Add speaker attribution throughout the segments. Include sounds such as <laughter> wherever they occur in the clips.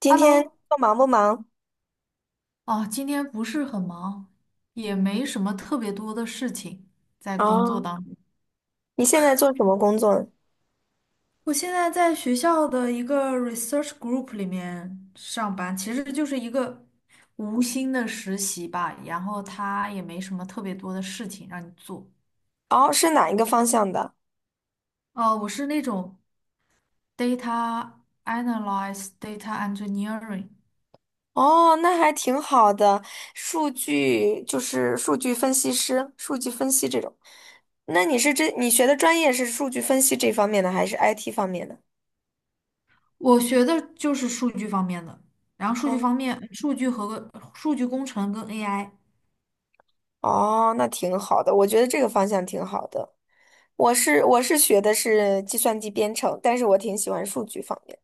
Speaker 1: 今天工
Speaker 2: Hello,
Speaker 1: 作忙不忙？
Speaker 2: 哦，今天不是很忙，也没什么特别多的事情在工作
Speaker 1: 啊？
Speaker 2: 当中。
Speaker 1: 你现在做什么工作呢？
Speaker 2: 我现在在学校的一个 research group 里面上班，其实就是一个，无心的实习吧，然后他也没什么特别多的事情让你做。
Speaker 1: 哦，是哪一个方向的？
Speaker 2: 我是那种 data analyze、data engineering。
Speaker 1: 哦，那还挺好的，数据就是数据分析师、数据分析这种。那你是这你学的专业是数据分析这方面的，还是 IT 方面的？
Speaker 2: 我学的就是数据方面的，然后数据方
Speaker 1: 哦，
Speaker 2: 面，数据和数据工程跟 AI。
Speaker 1: 哦，那挺好的，我觉得这个方向挺好的。我学的是计算机编程，但是我挺喜欢数据方面。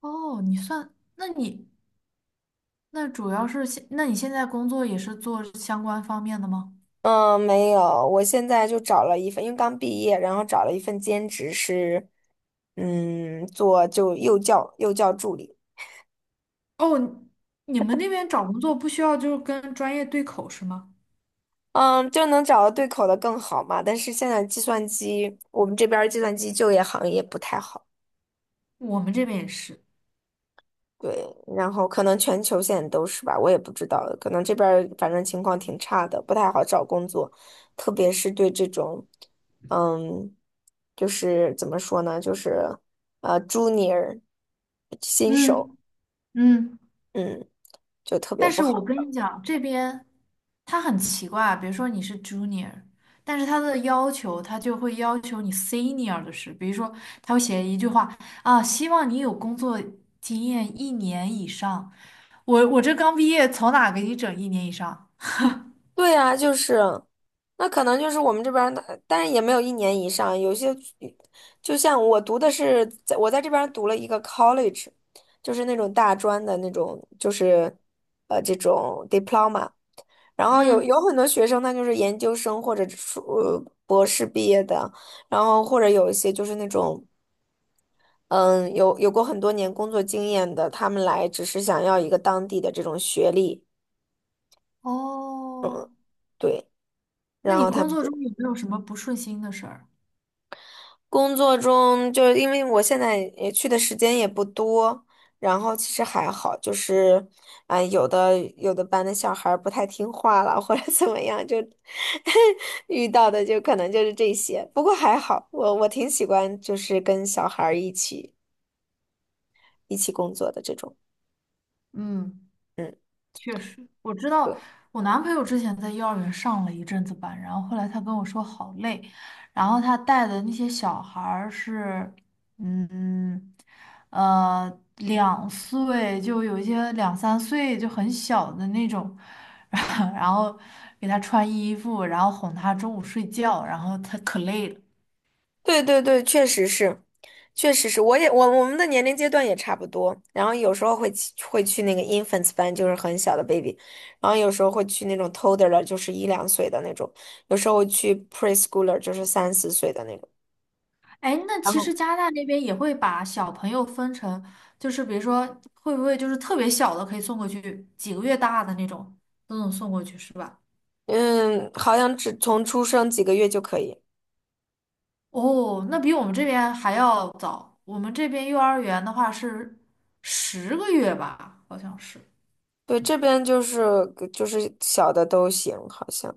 Speaker 2: 哦，你算，那你那主要是现，那你现在工作也是做相关方面的吗？
Speaker 1: 嗯，没有，我现在就找了一份，因为刚毕业，然后找了一份兼职是，做就幼教助理，
Speaker 2: 哦，你们那边找工作不需要就是跟专业对口是吗？
Speaker 1: 嗯，就能找到对口的更好嘛。但是现在计算机，我们这边儿计算机就业行业不太好。
Speaker 2: 我们这边也是。
Speaker 1: 对，然后可能全球现在都是吧，我也不知道，可能这边儿反正情况挺差的，不太好找工作，特别是对这种，嗯，就是怎么说呢，就是junior 新手。
Speaker 2: 嗯嗯，
Speaker 1: 嗯，就特别
Speaker 2: 但
Speaker 1: 不
Speaker 2: 是
Speaker 1: 好。
Speaker 2: 我跟你讲，这边他很奇怪啊，比如说你是 junior,但是他的要求他就会要求你 senior 的事，比如说他会写一句话，啊，希望你有工作经验一年以上。我这刚毕业，从哪给你整一年以上？
Speaker 1: 对啊，就是，那可能就是我们这边儿的，但是也没有一年以上，有些，就像我读的是，在我在这边儿读了一个 college，就是那种大专的那种，就是，呃，这种 diploma，然后有
Speaker 2: 嗯。
Speaker 1: 有很多学生他就是研究生或者是博士毕业的，然后或者有一些就是那种。嗯，有过很多年工作经验的，他们来只是想要一个当地的这种学历，
Speaker 2: 哦，
Speaker 1: 对。
Speaker 2: 那
Speaker 1: 然
Speaker 2: 你
Speaker 1: 后他
Speaker 2: 工
Speaker 1: 们
Speaker 2: 作
Speaker 1: 就。
Speaker 2: 中有没有什么不顺心的事儿？
Speaker 1: 工作中就是因为我现在也去的时间也不多，然后其实还好，就是，啊、有的班的小孩儿不太听话了，或者怎么样，就 <laughs> 遇到的就可能就是这些。不过还好，我挺喜欢就是跟小孩儿一起一起工作的这种。
Speaker 2: 嗯，确实，我知道我男朋友之前在幼儿园上了一阵子班，然后后来他跟我说好累，然后他带的那些小孩儿是，嗯，呃，2岁就有一些2、3岁就很小的那种。<laughs> 然后给他穿衣服，然后哄他中午睡觉，然后他可累了。
Speaker 1: 对对对，确实是，确实是，我我们的年龄阶段也差不多，然后有时候会去那个 infants 班，就是很小的 baby，然后有时候会去那种 toddler，就是一两岁的那种，有时候会去 preschooler，就是三四岁的那种，
Speaker 2: 哎，那
Speaker 1: 然
Speaker 2: 其
Speaker 1: 后
Speaker 2: 实加拿大那边也会把小朋友分成，就是比如说，会不会就是特别小的可以送过去，几个月大的那种都能送过去，是吧？
Speaker 1: 嗯，好像只从出生几个月就可以。
Speaker 2: 哦，那比我们这边还要早。我们这边幼儿园的话是10个月吧，好像是。
Speaker 1: 对，这边就是就是小的都行，好像，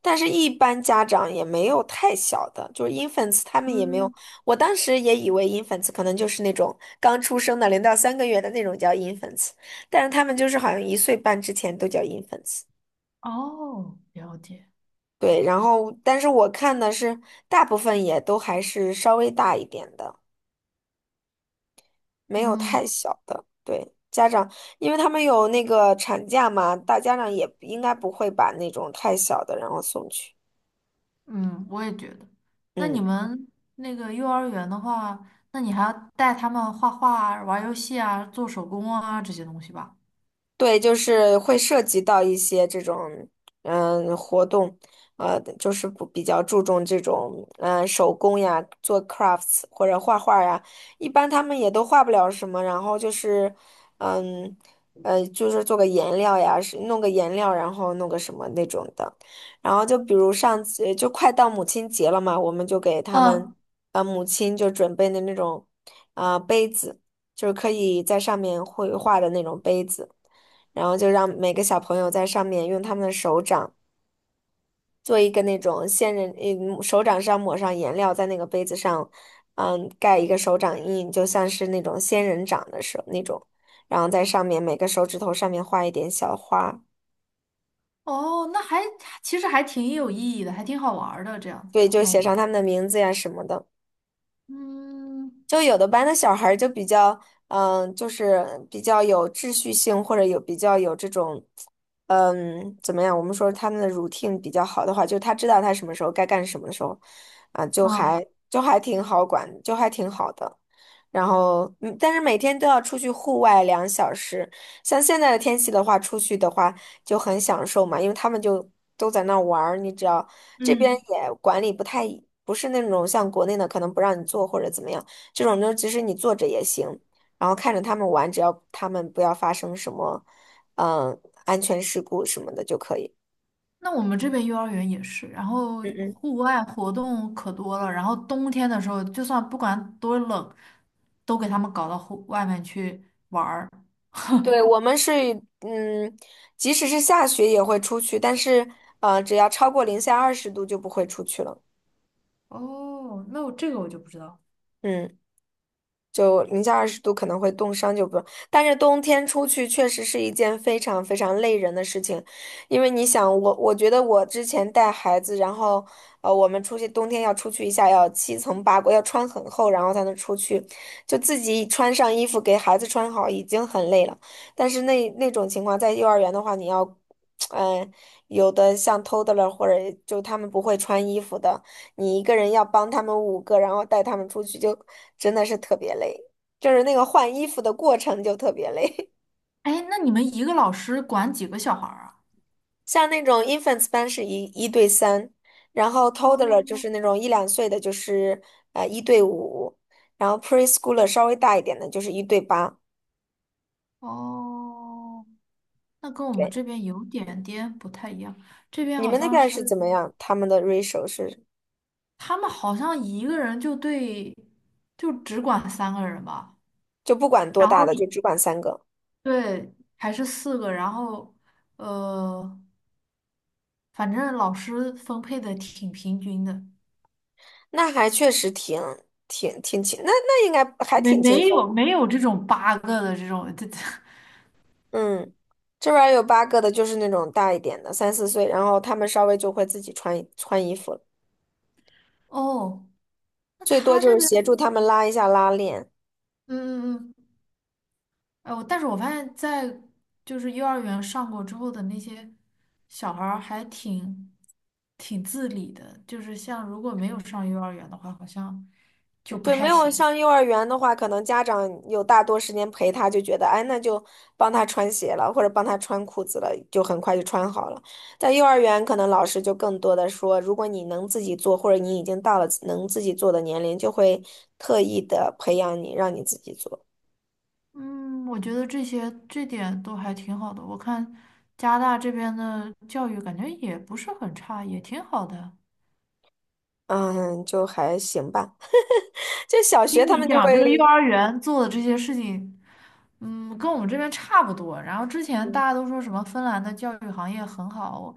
Speaker 1: 但是一般家长也没有太小的，就是 infants 他们也没有。
Speaker 2: 嗯，
Speaker 1: 我当时也以为 infants 可能就是那种刚出生的零到三个月的那种叫 infants，但是他们就是好像一岁半之前都叫 infants。
Speaker 2: 哦，了解。
Speaker 1: 对，然后但是我看的是大部分也都还是稍微大一点的。没有太
Speaker 2: 嗯
Speaker 1: 小的，对，家长，因为他们有那个产假嘛，大家长也应该不会把那种太小的然后送去。
Speaker 2: 嗯，我也觉得。那你
Speaker 1: 嗯。
Speaker 2: 们那个幼儿园的话，那你还要带他们画画啊、玩游戏啊、做手工啊这些东西吧？
Speaker 1: 对，就是会涉及到一些这种嗯活动，呃，就是不比较注重这种嗯手工呀，做 crafts 或者画画呀，一般他们也都画不了什么，然后就是嗯就是做个颜料呀，是弄个颜料，然后弄个什么那种的，然后就比如上次就快到母亲节了嘛，我们就给他
Speaker 2: 嗯，
Speaker 1: 们母亲就准备的那种杯子，就是可以在上面绘画的那种杯子。然后就让每个小朋友在上面用他们的手掌做一个那种仙人，嗯，手掌上抹上颜料，在那个杯子上，嗯，盖一个手掌印，就像是那种仙人掌的手那种，然后在上面每个手指头上面画一点小花，
Speaker 2: 哦，其实还挺有意义的，还挺好玩儿的，这样子
Speaker 1: 对，就写
Speaker 2: 弄
Speaker 1: 上
Speaker 2: 的。
Speaker 1: 他们的名字呀什么的。
Speaker 2: 嗯
Speaker 1: 就有的班的小孩儿就比较，嗯，就是比较有秩序性，或者有比较有这种，嗯，怎么样？我们说他们的 routine 比较好的话，就他知道他什么时候该干什么的时候，啊，就
Speaker 2: 啊，
Speaker 1: 还就还挺好管，就还挺好的。然后，嗯，但是每天都要出去户外两小时，像现在的天气的话，出去的话就很享受嘛，因为他们就都在那儿玩儿，你只要这边
Speaker 2: 嗯，
Speaker 1: 也管理不太，不是那种像国内的可能不让你做或者怎么样。这种就其实你坐着也行，然后看着他们玩，只要他们不要发生什么，嗯，安全事故什么的就可以。
Speaker 2: 那我们这边幼儿园也是，然后
Speaker 1: 嗯嗯，
Speaker 2: 户外活动可多了，然后冬天的时候，就算不管多冷，都给他们搞到户外面去玩儿。
Speaker 1: 对，我们是，嗯，即使是下雪也会出去，但是只要超过零下二十度就不会出去了。
Speaker 2: 哦，那我这个我就不知道。
Speaker 1: 嗯。就零下二十度可能会冻伤，就不用。但是冬天出去确实是一件非常非常累人的事情，因为你想，我觉得我之前带孩子，然后我们出去冬天要出去一下，要七层八裹，要穿很厚，然后才能出去，就自己穿上衣服给孩子穿好已经很累了。但是那种情况，在幼儿园的话，你要，<tsk> 嗯、有的像偷的了，或者就他们不会穿衣服的。你一个人要帮他们五个，然后带他们出去，就真的是特别累，就是那个换衣服的过程就特别累。
Speaker 2: 哎，那你们一个老师管几个小孩儿啊？
Speaker 1: <laughs> 像那种 infants 班是一对三，然后 toddler 就
Speaker 2: 哦
Speaker 1: 是那种一两岁的，就是一对五，然后 preschooler 稍微大一点的，就是一对八。
Speaker 2: 哦，那跟我们
Speaker 1: 对，
Speaker 2: 这边有点点不太一样。这边
Speaker 1: 你
Speaker 2: 好
Speaker 1: 们那
Speaker 2: 像
Speaker 1: 边是怎
Speaker 2: 是，
Speaker 1: 么样？他们的 ratio 是
Speaker 2: 他们好像一个人就对，就只管3个人吧，
Speaker 1: 就不管多
Speaker 2: 然
Speaker 1: 大
Speaker 2: 后
Speaker 1: 的，就
Speaker 2: 一
Speaker 1: 只管三个，
Speaker 2: 对还是4个，然后呃，反正老师分配的挺平均的。
Speaker 1: 那还确实挺轻，那应该还
Speaker 2: 没
Speaker 1: 挺轻
Speaker 2: 没
Speaker 1: 松
Speaker 2: 有
Speaker 1: 的。
Speaker 2: 没有这种8个的这种，这 <laughs>
Speaker 1: 嗯，这边儿有八个的，就是那种大一点的，三四岁，然后他们稍微就会自己穿衣服了，
Speaker 2: 哦，那
Speaker 1: 最多
Speaker 2: 他
Speaker 1: 就
Speaker 2: 这
Speaker 1: 是
Speaker 2: 边，
Speaker 1: 协助他们拉一下拉链。
Speaker 2: 嗯嗯嗯，哎，但是我发现，在就是幼儿园上过之后的那些小孩儿还挺自理的，就是像如果没有上幼儿园的话，好像就不
Speaker 1: 对，没
Speaker 2: 太
Speaker 1: 有
Speaker 2: 行。
Speaker 1: 上幼儿园的话，可能家长有大多时间陪他，就觉得哎，那就帮他穿鞋了，或者帮他穿裤子了，就很快就穿好了。在幼儿园，可能老师就更多的说，如果你能自己做，或者你已经到了能自己做的年龄，就会特意的培养你，让你自己做。
Speaker 2: 嗯，我觉得这些这点都还挺好的。我看加拿大这边的教育感觉也不是很差，也挺好的。
Speaker 1: 嗯，就还行吧。<laughs> 就小学
Speaker 2: 听
Speaker 1: 他
Speaker 2: 你
Speaker 1: 们就会，
Speaker 2: 讲这个幼儿园做的这些事情，嗯，跟我们这边差不多。然后之前大家都说什么芬兰的教育行业很好，我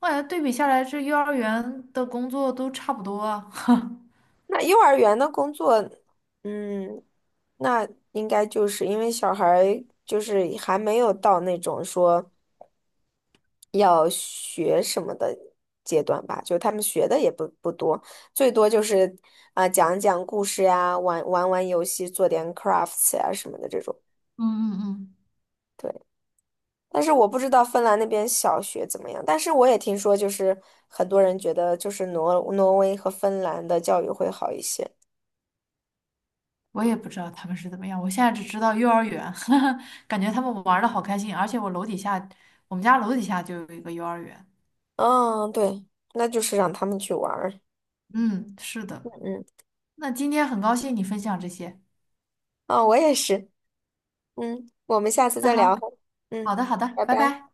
Speaker 2: 我感觉对比下来，这幼儿园的工作都差不多啊。<laughs> 嗯
Speaker 1: 那幼儿园的工作，嗯，那应该就是因为小孩儿就是还没有到那种说要学什么的阶段吧，就他们学的也不多，最多就是啊、讲讲故事呀，玩玩游戏，做点 crafts 呀什么的这种。
Speaker 2: 嗯嗯，
Speaker 1: 对。但是我不知道芬兰那边小学怎么样，但是我也听说，就是很多人觉得就是挪威和芬兰的教育会好一些。
Speaker 2: 我也不知道他们是怎么样，我现在只知道幼儿园。<laughs> 感觉他们玩的好开心，而且我楼底下，我们家楼底下就有一个幼儿园。
Speaker 1: 嗯，对，那就是让他们去玩儿。
Speaker 2: 嗯，是的。
Speaker 1: 嗯，
Speaker 2: 那今天很高兴你分享这些。
Speaker 1: 啊，我也是。嗯，我们下次
Speaker 2: 那
Speaker 1: 再聊。
Speaker 2: 好，好
Speaker 1: 嗯，
Speaker 2: 的好的，
Speaker 1: 拜
Speaker 2: 拜
Speaker 1: 拜。
Speaker 2: 拜。